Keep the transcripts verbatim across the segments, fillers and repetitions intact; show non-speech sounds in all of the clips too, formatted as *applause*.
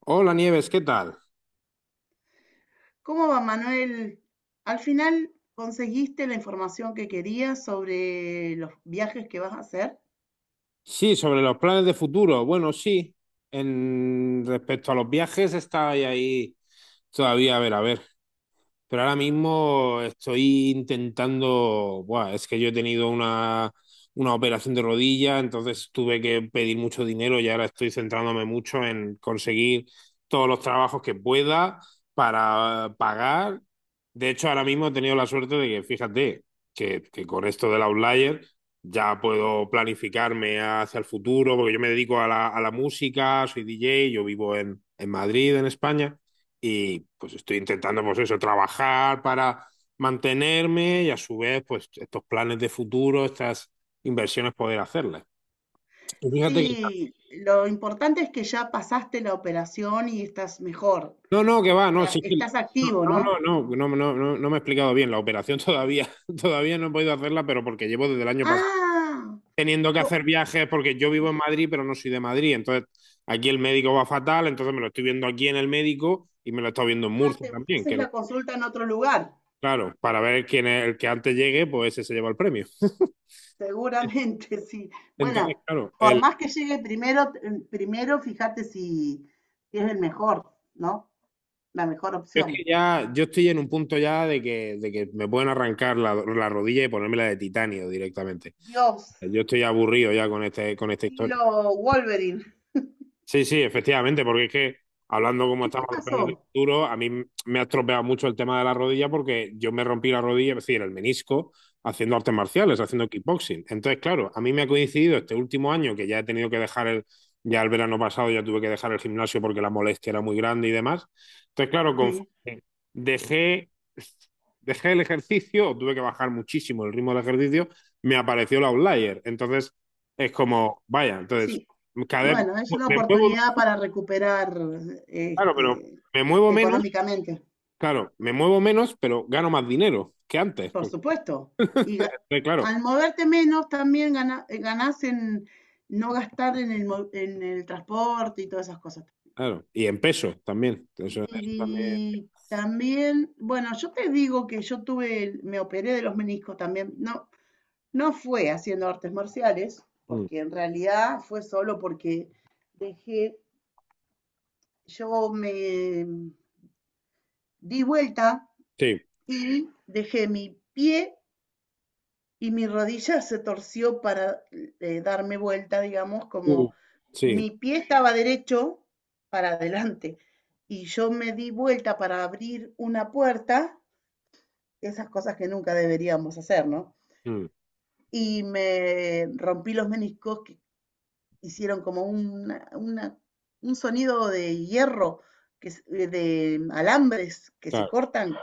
Hola Nieves, ¿qué tal? ¿Cómo va, Manuel? Al final conseguiste la información que querías sobre los viajes que vas a hacer. Sí, sobre los planes de futuro. Bueno, sí, en respecto a los viajes está ahí, ahí todavía, a ver, a ver. Pero ahora mismo estoy intentando, buah, es que yo he tenido una, una operación de rodilla, entonces tuve que pedir mucho dinero y ahora estoy centrándome mucho en conseguir todos los trabajos que pueda para pagar. De hecho, ahora mismo he tenido la suerte de que, fíjate, que, que con esto del Outlier ya puedo planificarme hacia el futuro, porque yo me dedico a la, a la música, soy D J, yo vivo en, en Madrid, en España y pues estoy intentando, pues eso, trabajar para mantenerme y a su vez, pues estos planes de futuro, estas inversiones poder hacerlas. Y fíjate que... Sí, lo importante es que ya pasaste la operación y estás mejor. No, no, que va, O no, sea, sí que... estás No, activo, ¿no? no, no, no, no, no, no, no me he explicado bien. La operación todavía, *laughs* todavía no he podido hacerla, pero porque llevo desde el año pasado Ah, teniendo que co- hacer viajes, porque yo vivo en Madrid, pero no soy de Madrid. Entonces, aquí el médico va fatal, entonces me lo estoy viendo aquí en el médico y me lo he estado viendo en ah, Murcia te también, haces que la consulta en otro lugar. claro, para ver quién es el que antes llegue, pues ese se lleva el premio. *laughs* Seguramente, *laughs* sí. Entonces, Bueno, claro, por el, más que llegue primero, eh, primero fíjate si si es el mejor, ¿no? La mejor es que opción. ya yo estoy en un punto ya de que, de que me pueden arrancar la, la rodilla y ponérmela de titanio directamente. Dios, Yo estoy aburrido ya con este, con esta historia. estilo Wolverine. Sí, sí, efectivamente, porque es que hablando como ¿Qué te estamos de planes de pasó? futuro, a mí me ha estropeado mucho el tema de la rodilla porque yo me rompí la rodilla, es decir, el menisco, haciendo artes marciales, haciendo kickboxing. Entonces, claro, a mí me ha coincidido este último año que ya he tenido que dejar el, ya el verano pasado ya tuve que dejar el gimnasio porque la molestia era muy grande y demás. Entonces, claro, Sí, conforme dejé, dejé el ejercicio, o tuve que bajar muchísimo el ritmo del ejercicio, me apareció la outlier. Entonces, es como, vaya, entonces... sí. Cada, vez- Bueno, es mu- una me muevo oportunidad más, para recuperar claro, pero este, me muevo menos, económicamente, claro, me muevo menos, pero gano más dinero que antes. por Porque... supuesto. Y ga- eh, claro, al moverte menos también gana- eh, ganás en no gastar en el, mo- en el transporte y todas esas cosas. claro. Y en peso también. Eso, eso también. Y también, bueno, yo te digo que yo tuve, el- me operé de los meniscos también. No, no fue haciendo artes marciales, mm, porque en realidad fue solo porque dejé yo me di vuelta, sí. dejé mi pie y mi rodilla se torció para eh, darme vuelta, digamos, Uh, como sí. mi pie estaba derecho para adelante y yo me di vuelta para abrir una puerta, esas cosas que nunca deberíamos hacer, ¿no? mm, Y me rompí los meniscos que hicieron como una, una, un sonido de hierro, que, de alambres que se claro. cortan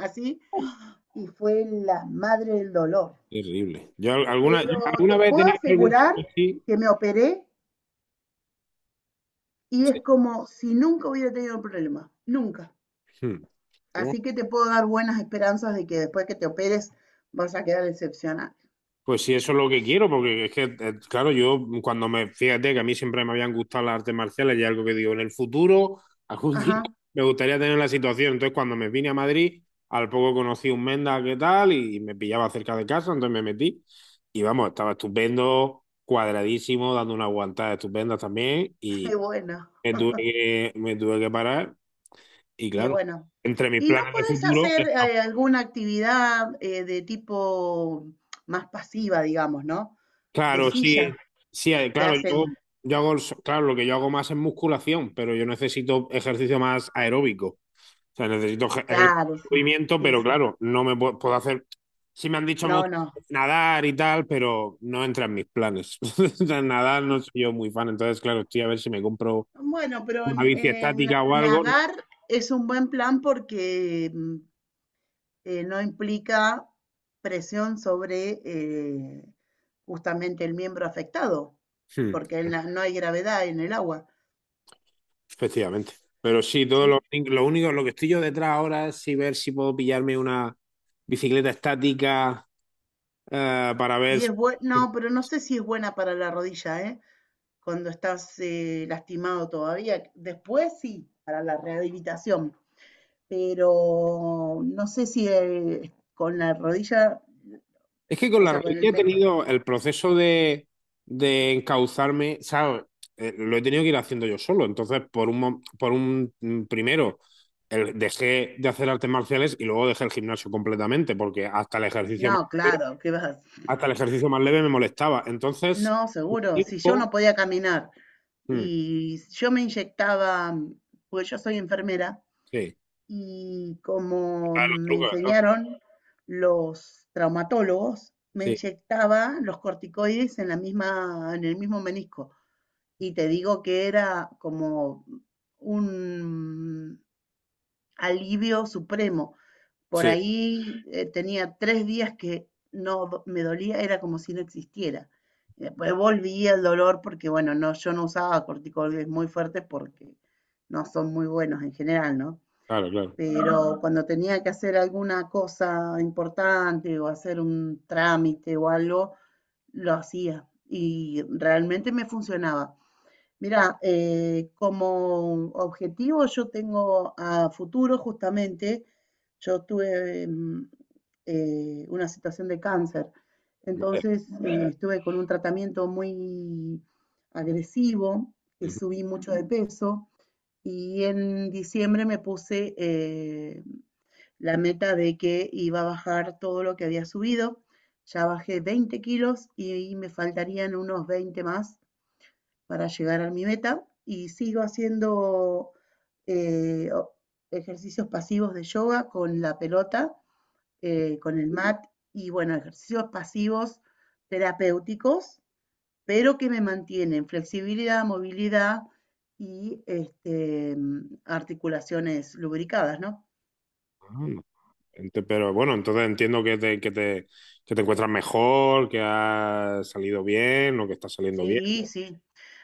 así, Uh, y fue la madre del dolor. terrible. Yo al- alguna, yo Pero alguna te vez he puedo tenido algún asegurar sí, que me operé y sí. es como si nunca hubiera tenido un problema, nunca. mm, uh, Así que te puedo dar buenas esperanzas de que después que te operes vas a quedar excepcional. pues sí, eso es lo que quiero, porque es que, eh, claro, yo cuando me, fíjate que a mí siempre me habían gustado las artes marciales y algo que digo, en el futuro, *laughs* algún día Ajá, me gustaría tener la situación. Entonces, cuando me vine a Madrid, al poco conocí un Menda que tal y me pillaba cerca de casa, entonces me metí y vamos, estaba estupendo, cuadradísimo, dando una aguantada estupenda también *laughs* y y bueno, me tuve que, me tuve que parar y y claro, bueno. entre mis ¿Y no planes de podés futuro... hacer eh, alguna actividad eh, de tipo más pasiva, digamos? ¿No? De Claro, sí, silla sí, eh, que claro, hacen, yo, yo hago, el so- claro, lo que yo hago más es musculación, pero yo necesito ejercicio más aeróbico. O sea, necesito ejer- ejercicio claro, de sí, movimiento, sí, pero sí. claro, no me puedo, puedo hacer. Sí me han dicho No, mucho no, nadar y tal, pero no entra en mis planes. *laughs* O sea, nadar no soy yo muy fan, entonces, claro, estoy a ver si me compro Bueno, pero una n- bici eh, estática o algo. nadar es un buen plan porque mm, eh, no implica presión sobre eh, justamente el miembro afectado, Hmm, porque en la- no hay gravedad en el agua, efectivamente. Pero sí, todo lo, ¿sí? lo único, lo que estoy yo detrás ahora es si ver si puedo pillarme una bicicleta estática eh, para ver. Y es bueno, no, pero no sé si es buena para la rodilla, ¿eh? Cuando estás eh, lastimado todavía. Después sí, para la rehabilitación, pero no sé si eh, con la rodilla, Es que con o la sea, con rodilla el... he me- tenido el proceso de, de encauzarme, ¿sabes? Eh, lo he tenido que ir haciendo yo solo. Entonces, por un, mo- por un mm, primero, el- dejé de hacer artes marciales y luego dejé el gimnasio completamente, porque hasta el ejercicio más, No, claro, ¿qué vas a hasta el ejercicio más leve me molestaba. Entonces, No, seguro. Si yo no tiempo. podía caminar Mm, y yo me inyectaba, pues yo soy enfermera, sí, y como está en los me trucos, ¿no? enseñaron los traumatólogos, me Sí, inyectaba los corticoides en la misma, en el mismo menisco. Y te digo que era como un alivio supremo por sí, ahí eh, tenía tres días que no me dolía, era como si no existiera. Y Después volvía el dolor porque, bueno, no, yo no usaba corticoides muy fuertes porque no son muy buenos en general, ¿no? claro, claro. Pero cuando tenía que hacer alguna cosa importante o hacer un trámite o algo, lo hacía y realmente me funcionaba. Mira, eh, como objetivo yo tengo a futuro justamente, yo tuve mm, eh, una situación de cáncer, Vale. entonces eh, estuve con un tratamiento muy agresivo, que Ujú. subí mucho de peso y en diciembre me puse eh, la meta de que iba a bajar todo lo que había subido, ya bajé veinte kilos y me faltarían unos veinte más para llegar a mi meta y sigo haciendo eh, ejercicios pasivos de yoga con la pelota, eh, con el mat y bueno, ejercicios pasivos terapéuticos, pero que me mantienen flexibilidad, movilidad y este, mm, articulaciones lubricadas, ¿no? Ah, Ente- pero bueno, entonces entiendo que te, que te, que te encuentras mejor, que has salido bien o que está saliendo bien. Sí, sí.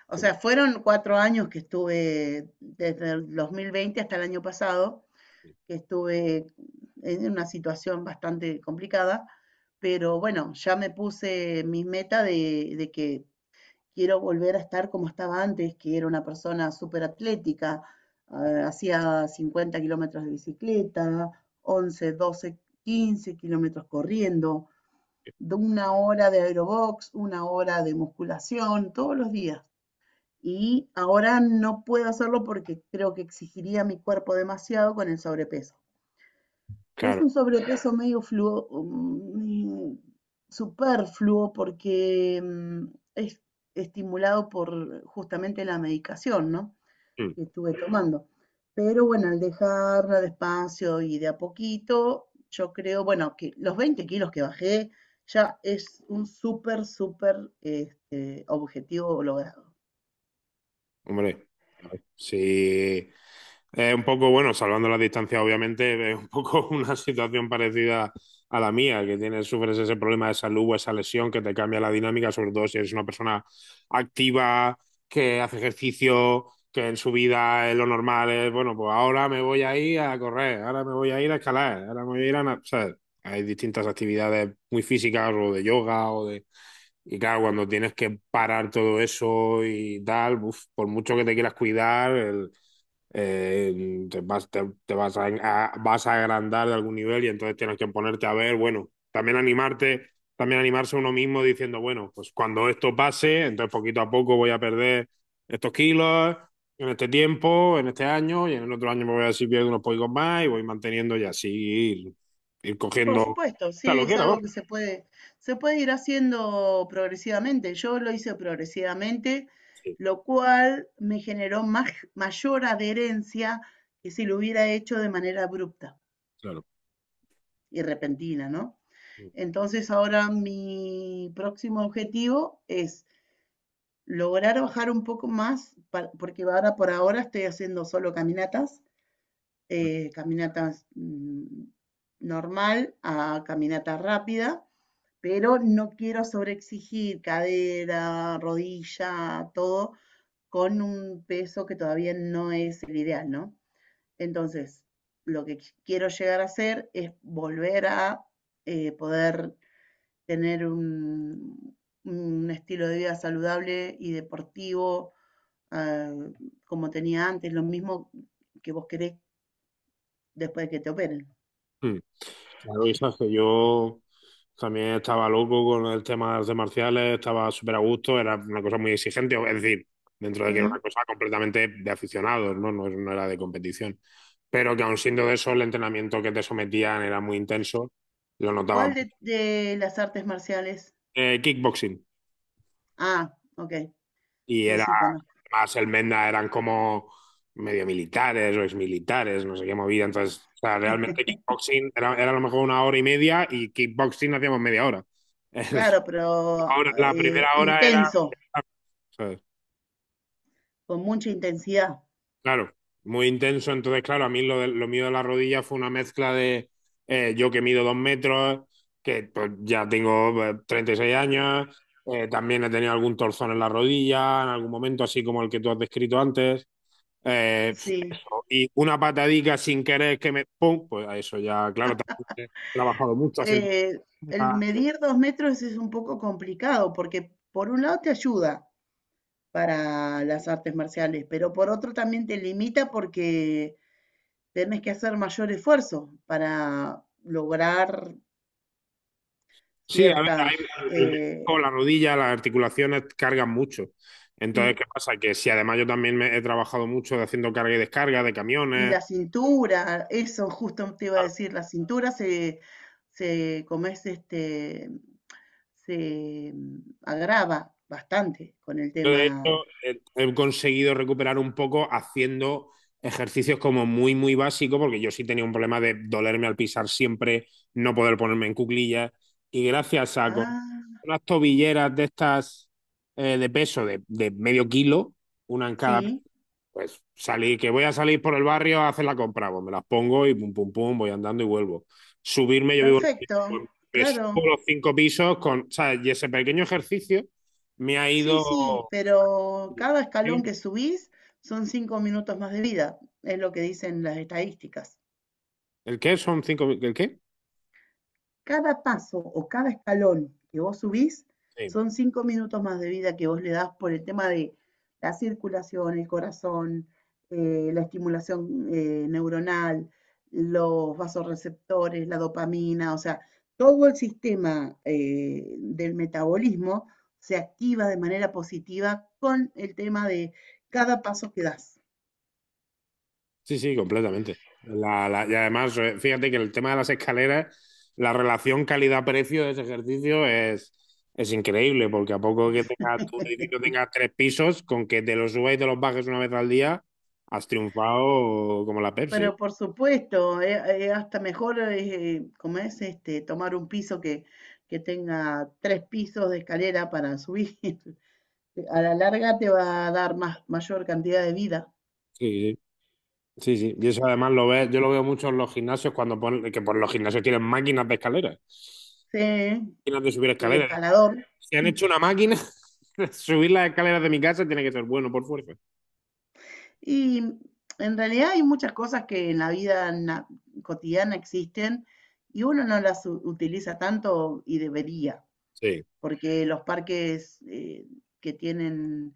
O sea, fueron cuatro años que estuve desde el dos mil veinte hasta el año pasado que estuve en una situación bastante complicada, pero bueno, ya me puse mi meta de, de que quiero volver a estar como estaba antes, que era una persona súper atlética, ah, hacía cincuenta kilómetros de bicicleta, once, doce, quince kilómetros corriendo, de una hora de aerobox, una hora de musculación, todos los días. Y ahora no puedo hacerlo porque creo que exigiría a mi cuerpo demasiado con el sobrepeso. Es Claro, un sobrepeso medio fluo, mm, superfluo porque mm, es estimulado por justamente la medicación, ¿no? mm, Que estuve tomando. Pero bueno, al dejarla despacio y de a poquito, yo creo, bueno, que los veinte kilos que bajé ya es un súper, súper este, objetivo logrado. hombre, sí, es un poco, bueno, salvando las distancias, obviamente, *laughs* es un poco *laughs* una situación parecida a la mía, que tienes, sufres ese problema de salud o esa lesión que te cambia la dinámica, sobre todo si eres una persona activa, que hace ejercicio, que en su vida es lo normal, es, bueno, pues ahora me voy a ir a correr, ahora me voy a ir a escalar, ahora me voy a ir a... na- O sea, hay distintas actividades muy físicas o de yoga o de... Y claro, cuando tienes que parar todo eso y tal, uf, por mucho que te quieras cuidar, el eh, te vas, te, te vas a, a- vas a agrandar de algún nivel y entonces tienes que ponerte a ver, bueno, también animarte, también animarse uno mismo diciendo, bueno, pues cuando esto pase, entonces poquito a poco voy a perder estos kilos en este tiempo, en este año y en el otro año me voy a decir pierdo unos pocos más y voy manteniendo y así ir, ir Por cogiendo supuesto, la sí, es loquera, algo vamos. que se puede, se puede ir haciendo progresivamente. Yo lo hice progresivamente, Sí, lo cual me generó más, mayor adherencia que si lo hubiera hecho de manera abrupta claro. y repentina, ¿no? Entonces ahora mi próximo objetivo es lograr bajar un poco más, pa- porque ahora por ahora estoy haciendo solo caminatas, eh, caminatas mm, normal a caminata rápida pero no quiero sobreexigir cadera, rodilla, todo, con un peso que todavía no es el ideal, ¿no? Entonces, lo que quiero llegar a hacer es volver a eh, poder tener un, un estilo de vida saludable y deportivo ah, como tenía antes, lo mismo que vos querés después de que te operen. Mm. Claro, y sabes que yo también estaba loco con el tema de artes marciales, estaba súper a gusto, era una cosa muy exigente, es decir, dentro de que era ¿Mm? una cosa completamente de aficionados, ¿no? No, no era de competición. Pero que aun siendo de eso, el entrenamiento que te sometían era muy intenso, lo notaba ¿Cuál mucho. de, de las artes marciales? Eh, kickboxing, Ah, ok, y sí, era sí, conozco. más el Menda, eran como medio militares o exmilitares, no sé qué movida, entonces, o sea, realmente kickboxing era, era a lo mejor una hora y media y kickboxing hacíamos media hora. *laughs* Claro, pero Ahora, la primera eh, hora era, intenso, ¿sabes? con mucha intensidad, Claro, muy intenso. Entonces, claro, a mí lo, de- lo mío de la rodilla fue una mezcla de eh, yo que mido dos metros, que pues, ya tengo eh, treinta y seis años, eh, también he tenido algún torzón en la rodilla, en algún momento, así como el que tú has descrito antes. Eh, pf, sí. eso. Y una patadica sin querer que me... ¡Pum! Pues a eso ya, claro, también he trabajado mucho haciendo... Eh, el medir dos metros es un poco complicado porque por un lado te ayuda para las artes marciales, pero por otro también te limita porque tenés que hacer mayor esfuerzo para lograr Sí, a ver, hay- ciertas, el, el eh, menisco, la rodilla, las articulaciones cargan mucho. Entonces, sí, ¿qué pasa? Que si además yo también me- he trabajado mucho de haciendo carga y descarga de y camiones. la cintura, eso justo te iba a Claro, decir, la cintura se, se, como es este, se mm, agrava bastante con el yo de tema. hecho he, he conseguido recuperar un poco haciendo ejercicios como muy, muy básicos, porque yo sí tenía un problema de dolerme al pisar siempre, no poder ponerme en cuclillas. Y gracias a con Ah, unas tobilleras de estas eh, de peso de, de medio kilo, una en cada sí, pues salí, que voy a salir por el barrio a hacer la compra, pues me las pongo y pum, pum, pum, voy andando y vuelvo. Subirme, yo vivo, en- perfecto, un piso, pues, me claro. subo los cinco pisos con, o sea, y ese pequeño ejercicio me ha Sí, ido... sí, pero cada escalón que subís son cinco minutos más de vida, es lo que dicen las estadísticas. ¿El qué? ¿Son cinco? ¿El qué? Cada paso o cada escalón que vos subís Sí. son cinco minutos más de vida que vos le das por el tema de la circulación, el corazón, eh, la estimulación eh, neuronal, los vasoreceptores, la dopamina, o sea, todo el sistema eh, del metabolismo se activa de manera positiva con el tema de cada paso que das. Sí, sí, completamente. La- la- y además, eh, fíjate que el tema de las escaleras, la relación calidad-precio de ese ejercicio es, es increíble, porque a poco que tenga, tu edificio tenga tres pisos, con que te los subas y te los bajes una vez al día, has triunfado como la Pepsi. Pero por supuesto, es hasta mejor, eh, eh, como es, este, tomar un piso que, que tenga tres pisos de escalera para subir. *laughs* A la larga te va a dar más, mayor cantidad de vida. Sí, sí, sí. Sí. Y eso además lo ves, yo lo veo mucho en los gimnasios cuando ponen, que por los gimnasios tienen máquinas de escaleras, Sí, máquinas el de subir escaleras. escalador. Si han *laughs* hecho una máquina, *laughs* subir las escaleras de mi casa tiene que ser bueno por fuerza. Y en realidad hay muchas cosas que en la vida na- cotidiana existen y uno no las u- utiliza tanto y debería. Sí. porque los parques eh, que tienen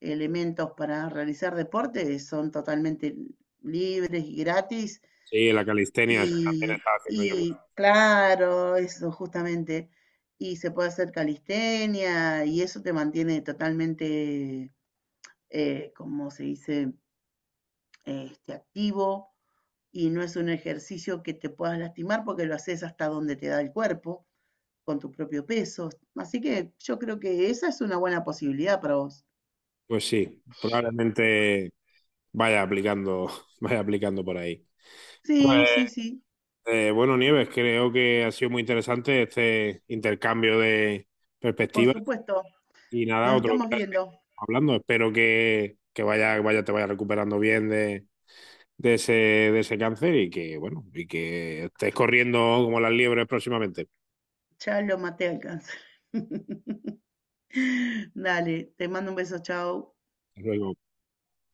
elementos para realizar deporte son totalmente libres y gratis. Sí, la calistenia eso también Y, estaba haciendo yo mucho. y claro, eso justamente. Y se puede hacer calistenia y eso te mantiene totalmente, eh, como se dice, este, activo y no es un ejercicio que te puedas lastimar porque lo haces hasta donde te da el cuerpo con tu propio peso. Así que yo creo que esa es una buena posibilidad para vos. Pues sí, probablemente vaya aplicando, *laughs* vaya aplicando por ahí. Pues Sí, sí, sí, eh, bueno, Nieves, creo que ha sido muy interesante este intercambio de por perspectivas supuesto. y nada, Nos otro estamos día viendo. seguimos hablando. Espero que, que vaya, vaya, te vaya recuperando bien de, de ese, de ese cáncer y que bueno, y que estés corriendo como las liebres próximamente. Ya lo maté al cáncer. *laughs* Dale, te mando un beso, chao. Hasta luego.